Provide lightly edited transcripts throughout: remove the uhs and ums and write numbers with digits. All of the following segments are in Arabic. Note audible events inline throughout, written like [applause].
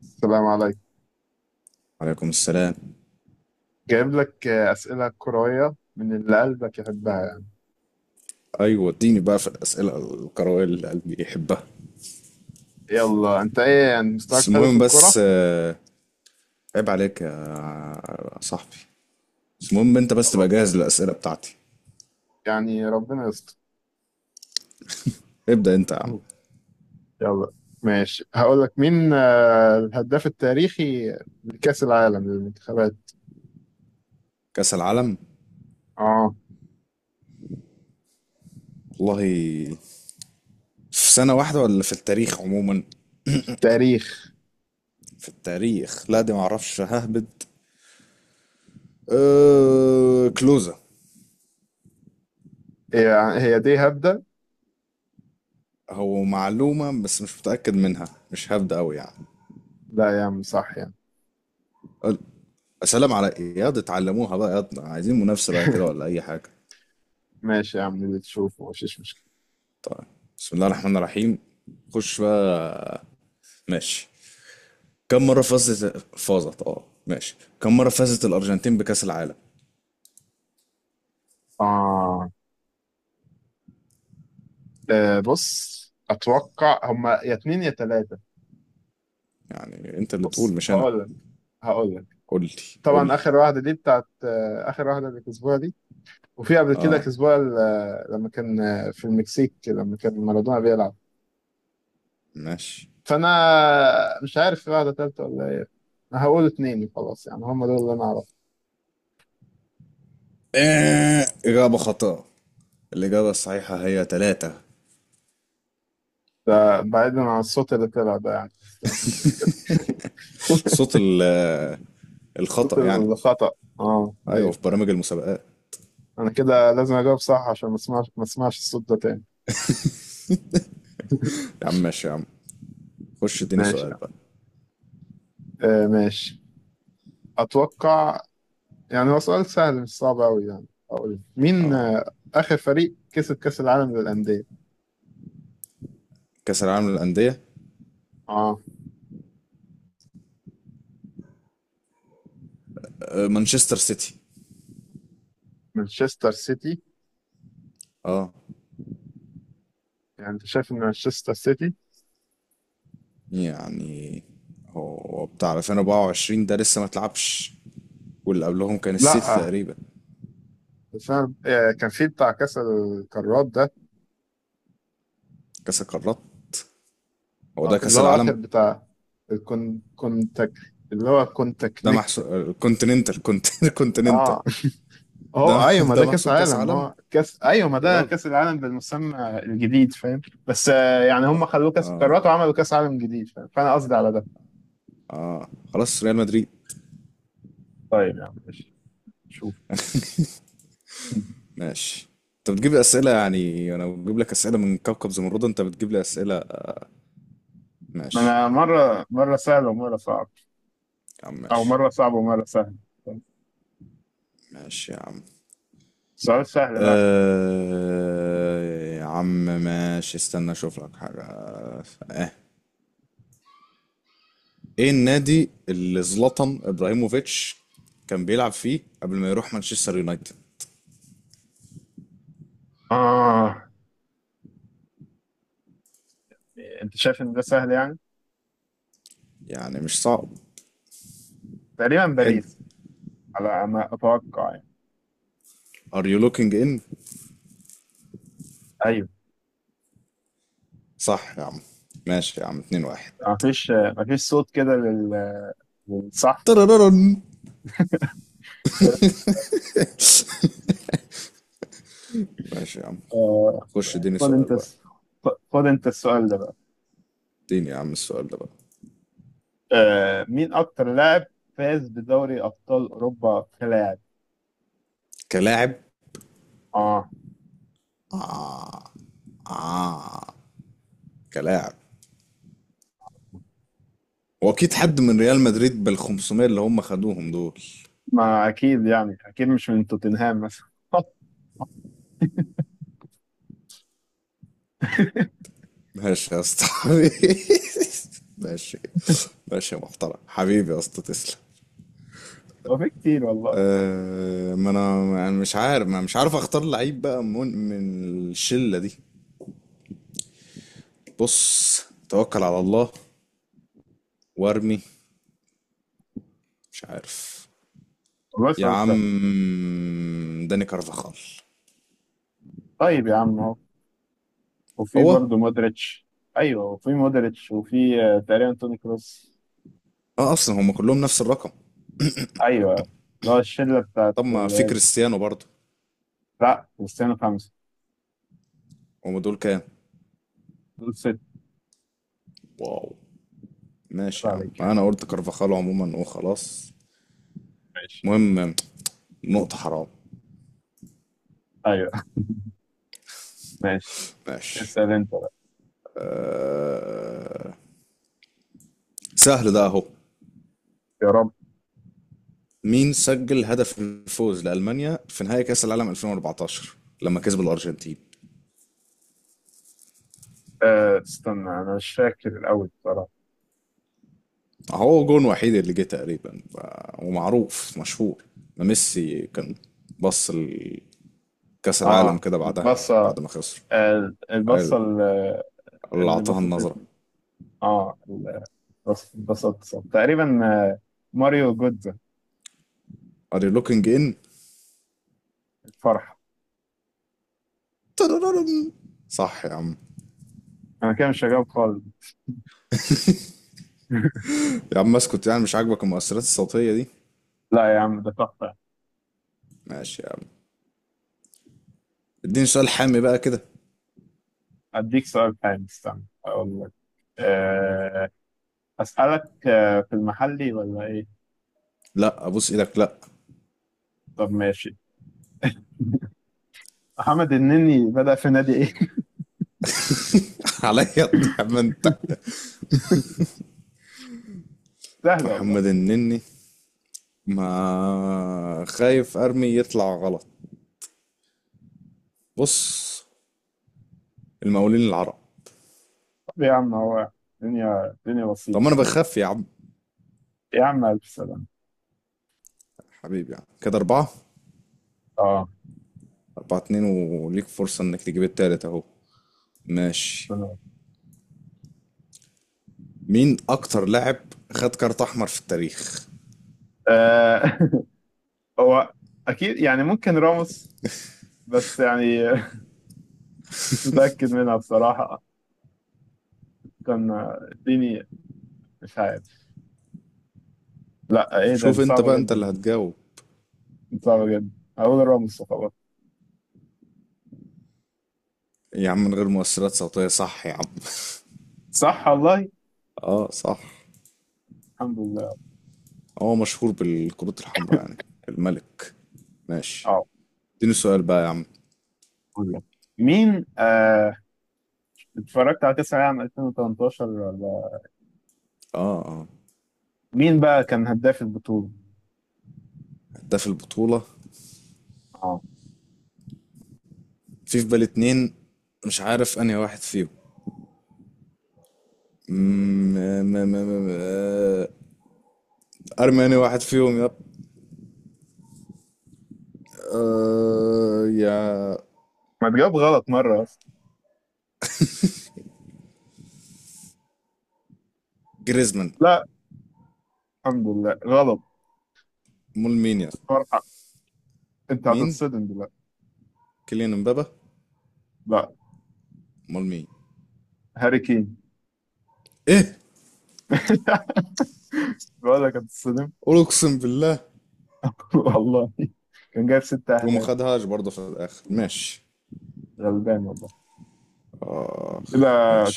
السلام عليكم. وعليكم السلام. جايب لك أسئلة كروية من اللي قلبك يحبها يعني. ايوه اديني بقى في الاسئله القراءه اللي قلبي يحبها. يلا، أنت إيه يعني مستواك بس حلو في المهم الكرة؟ بس آه، عيب عليك يا صاحبي. بس المهم انت بس تبقى خلاص. جاهز للاسئله بتاعتي. يعني ربنا يستر. ابدا انت يا عم. يلا. ماشي، هقول لك مين الهداف التاريخي لكأس العالم للمنتخبات. كاس العالم، آه. والله. في سنه واحده ولا في التاريخ عموما؟ تاريخ. في التاريخ لا، دي معرفش ههبد. أه كلوزة. هي. هي دي هبدة؟ هو معلومة بس مش متأكد منها، مش هبدأ أوي يعني. لا يا عم، صح يعني. قل- سلام على إيه ياض، اتعلموها بقى ياض، عايزين منافسة بقى كده [laughs] ولا أي حاجة؟ ماشي يا عم، اللي تشوفه مفيش مشكلة. طيب، بسم الله الرحمن الرحيم. خش بقى. ماشي. كم مرة فازت اه ماشي، كم مرة فازت الأرجنتين بكأس العالم؟ آه. بص، أتوقع هما يا اتنين يا تلاتة. يعني انت اللي تقول بص مش انا. هقول لك. هقول لك قول لي، قول طبعا لي. اخر واحده دي بتاعت اخر واحده اللي كسبوها دي. وفي قبل كده اه، كسبوها لما كان في المكسيك لما كان مارادونا بيلعب. ماشي. فانا مش عارف في واحده ثالثه ولا ايه. أنا هقول اتنين وخلاص، يعني هم دول اللي انا اعرفه. آه. إجابة خطأ. الإجابة الصحيحة هي ثلاثة. ده بعيدا عن الصوت اللي طلع ده يعني، بس يعني [laughs] صوت ال- صوت الخطأ يعني. الخطأ. اه، أيوة، ايوه. في برامج المسابقات. انا كده لازم اجاوب صح عشان ما اسمعش الصوت ده تاني. [laughs] يا عم ماشي يا عم. خش اديني ماشي. سؤال بقى. آه، ماشي. اتوقع. يعني هو سؤال سهل، مش صعب أوي يعني. أقول مين آخر فريق كسب كأس العالم للأندية؟ كأس العالم للأندية؟ آه، مانشستر سيتي. مانشستر سيتي. اه. يعني أنت شايف إن مانشستر سيتي؟ يعني هو بتاع 2024 ده لسه ما اتلعبش، واللي قبلهم كان السيتي لأ. تقريبا. بس أنا كان في بتاع كأس القارات ده. كأس القارات؟ هو ده اللي كأس هو آخر العالم. بتاع. كونتاك، اللي هو ده كونتاكنكت. محسوب الكونتيننتال [laughs] الكونتيننتال آه. [laughs] ده هو أيوة، ما ده ده كأس محسوب كأس عالم، ما عالم هو كأس، أيوة ما يا ده راجل. كأس العالم بالمسمى الجديد فاهم. بس يعني هم خلوه كأس القارات وعملوا كأس عالم جديد فاهم، فأنا قصدي على ده. خلاص، ريال مدريد. طيب يا عم ماشي. شوف. ماشي. انت بتجيب لي اسئله، يعني انا بجيب لك اسئله من كوكب زمرد، انت بتجيب لي اسئله. ما ماشي انا مره مره سهل ومره صعب، يا عم. او ماشي. مره صعب ومره سهل. ماشي يا عم. سؤال سهل بقى. أه يا عم ماشي، استنى اشوف لك حاجه. اه. ايه النادي اللي زلاتان ابراهيموفيتش كان بيلعب فيه قبل ما يروح مانشستر يونايتد؟ اه. انت شايف ان ده سهل يعني. يعني مش صعب. تقريبا حلو. باريس، على ما اتوقع يعني. ار يو لوكينج ان. ايوه. صح يا عم. ماشي يا عم، 2 1. ما فيش صوت كده للصح. ترررن. ماشي يا عم. آه. خش اديني خد انت سؤال بقى. الس- خد انت السؤال ده بقى. اديني يا عم السؤال ده بقى. آه، مين اكتر لاعب فاز بدوري ابطال اوروبا كلاعب؟ كلاعب. اه. آه آه كلاعب. واكيد حد من ريال مدريد بال 500 اللي هم خدوهم دول. ما اكيد يعني، اكيد مش من توتنهام مثلا. [laughs] ماشي يا اسطى، [laughs] حبيبي. ماشي. ماشي يا محترم، حبيبي يا اسطى، تسلم. هو في كتير والله. أه، ما انا ما أنا مش عارف ما مش عارف اختار لعيب بقى من الشلة دي. بص، توكل على الله وارمي. مش عارف. والله يا سؤال عم سهل. داني كارفاخال. طيب يا عم. وفي هو برضه مودريتش. ايوه، وفي مودريتش، وفي تقريبا توني كروس. اه اصلا هم كلهم نفس الرقم. ايوه. اللي هو الشله بتاعت طب ما في الريال دي. كريستيانو برضو؟ لا، كريستيانو خمسه. هم دول كام؟ دول ست. واو. ماشي كده يا عم، عليك يعني. انا قلت كارفاخال عموما وخلاص. ماشي. المهم، نقطة حرام. ايوه ماشي. ماشي. اسال انت بقى. أه، سهل ده اهو. يا رب. مين سجل هدف الفوز لألمانيا في نهائي كأس العالم 2014 لما كسب الأرجنتين؟ آه، استنى انا مش فاكر الاول بصراحه. هو جون وحيد اللي جه تقريبا، ومعروف مشهور. ميسي كان، بص لكأس العالم اه كده بعدها البصه. بعد ما خسر، آه البصه قال، اللي، اللي اللي أعطاها النظرة. بسطتني. اه ال- اتبسطت تقريبا. آه، ماريو جودز. Are you looking in؟ الفرحه. ترررم. صح يا عم. انا كده مش هجاوب خالص. [laughs] يا عم اسكت، يعني مش عاجبك المؤثرات الصوتية دي؟ لا يا عم ده تحفه. ماشي يا عم. اديني سؤال حامي بقى كده. أديك سؤال حلو، استنى أقول لك. أه. أسألك في المحلي ولا إيه؟ لا ابوس ايدك لا. طب ماشي. [laughs] محمد النني بدأ في نادي إيه؟ [laughs] عليا يا ابني يا عم انت. [laughs] سهل والله. محمد النني؟ ما خايف ارمي يطلع غلط. بص، المقاولين العرب. طب يا عم هو. الدنيا طب ما بسيطة انا دي. بخاف يا عم. يا عم ألف سلامة. حبيبي، يعني كده اربعة. أه. اربعة اتنين، وليك فرصة انك تجيب التالت اهو. ماشي. تمام. مين اكتر لاعب خد كارت احمر في التاريخ؟ آه. [laughs] هو أكيد يعني، ممكن راموس، بس يعني [laughs] مش متأكد منها بصراحة. كان اديني. مش عارف. لا إيه ده، دي شوف انت صعبة بقى، انت اللي جدا. هتجاوب. دي صعبة جدا هقول راموس وخلاص. يا عم من غير مؤثرات صوتية، صح يا عم؟ صح والله. [laughs] اه، صح. الحمد لله. هو مشهور بالكروت الحمراء يعني، الملك. ماشي. اه. اديني سؤال بقى يا عم. أقول لك. مين اتفرجت على كأس العالم 2018 ولا، اه، اه. مين بقى كان هداف البطولة؟ هداف البطولة؟ اه. في بالي اتنين، مش عارف انهي واحد فيهم. م- م- م- م- آه، ارمي انهي واحد فيهم، يا يا ما تجاوب غلط مرة أصلا. جريزمان. لا. الحمد لله غلط. مول مين يا اسطى؟ فرحة. أنت مين، هتتصدم دلوقتي. كيليان امبابا؟ لا. مول مين؟ هاري كين. ايه؟ [laughs] بقول لك هتتصدم. قول، اقسم بالله. [laughs] والله. كان جايب ست وما أهداف. خدهاش برضه في الاخر، ماشي. غلبان والله. اخ، كده،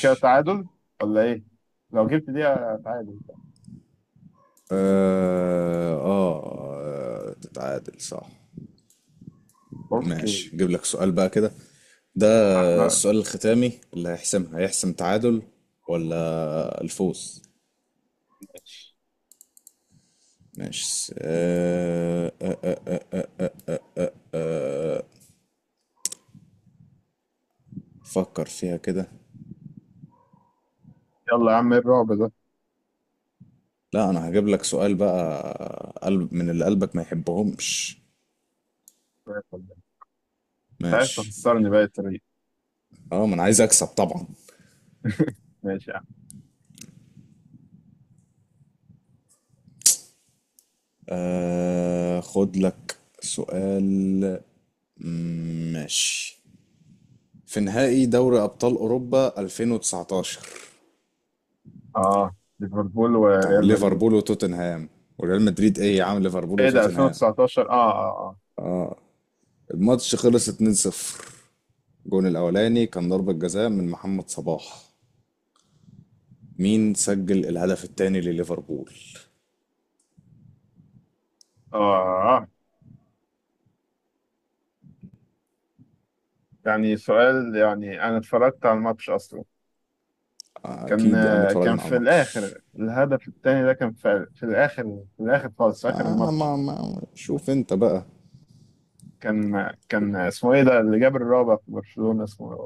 كده تعادل ولا إيه؟ لو جبت دي تعادل. اه، اه، تتعادل صح. أوكي. ماشي، جيب لك سؤال بقى كده، ده لا. السؤال الختامي اللي هيحسمها، هيحسم تعادل ولا الفوز. ماشي فكر فيها كده. يلا يا عم إيه الرعب ده؟ لا انا هجيب لك سؤال بقى، قلب من اللي قلبك ما يحبهمش. [laughs] أنت عايز ماشي. تخسرني بقى الطريق. اه، ما انا عايز اكسب طبعا. [laughs] ماشي. خد لك سؤال. ماشي. في نهائي دوري ابطال اوروبا 2019 اه، ليفربول بتاع وريال مدريد. ليفربول وتوتنهام. وريال مدريد ايه يا عم، ليفربول ايه ده، وتوتنهام. 2019؟ اه، اه، الماتش خلص 2-0، الجون الاولاني كان ضربة جزاء من محمد صلاح، مين سجل الهدف الثاني لليفربول؟ اه، اه. يعني سؤال، يعني انا اتفرجت على الماتش اصلا. كان اكيد يعني آه، كان اتفرجنا على في الماتش. الاخر الهدف الثاني ده كان في الاخر، في الاخر خالص، في اخر انا الماتش. ما شوف انت بقى. كان اسمه ايه ده اللي جاب الرابع في برشلونة اسمه.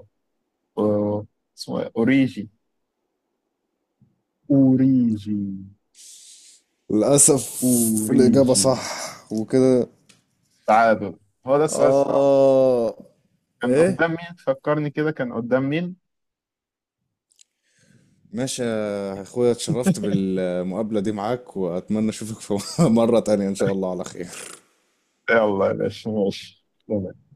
أو- اسمه إيه؟ اوريجي. اوريجي. للاسف الاجابة اوريجي. صح. وكده. تعادل. هو ده السؤال الصعب. اه. كان ايه؟ قدام مين فكرني كده، كان قدام مين. ماشي يا اخويا، اتشرفت بالمقابلة دي معاك واتمنى اشوفك في [laughs] مرة تانية ان شاء الله على خير. يلا يا باشا ماشي.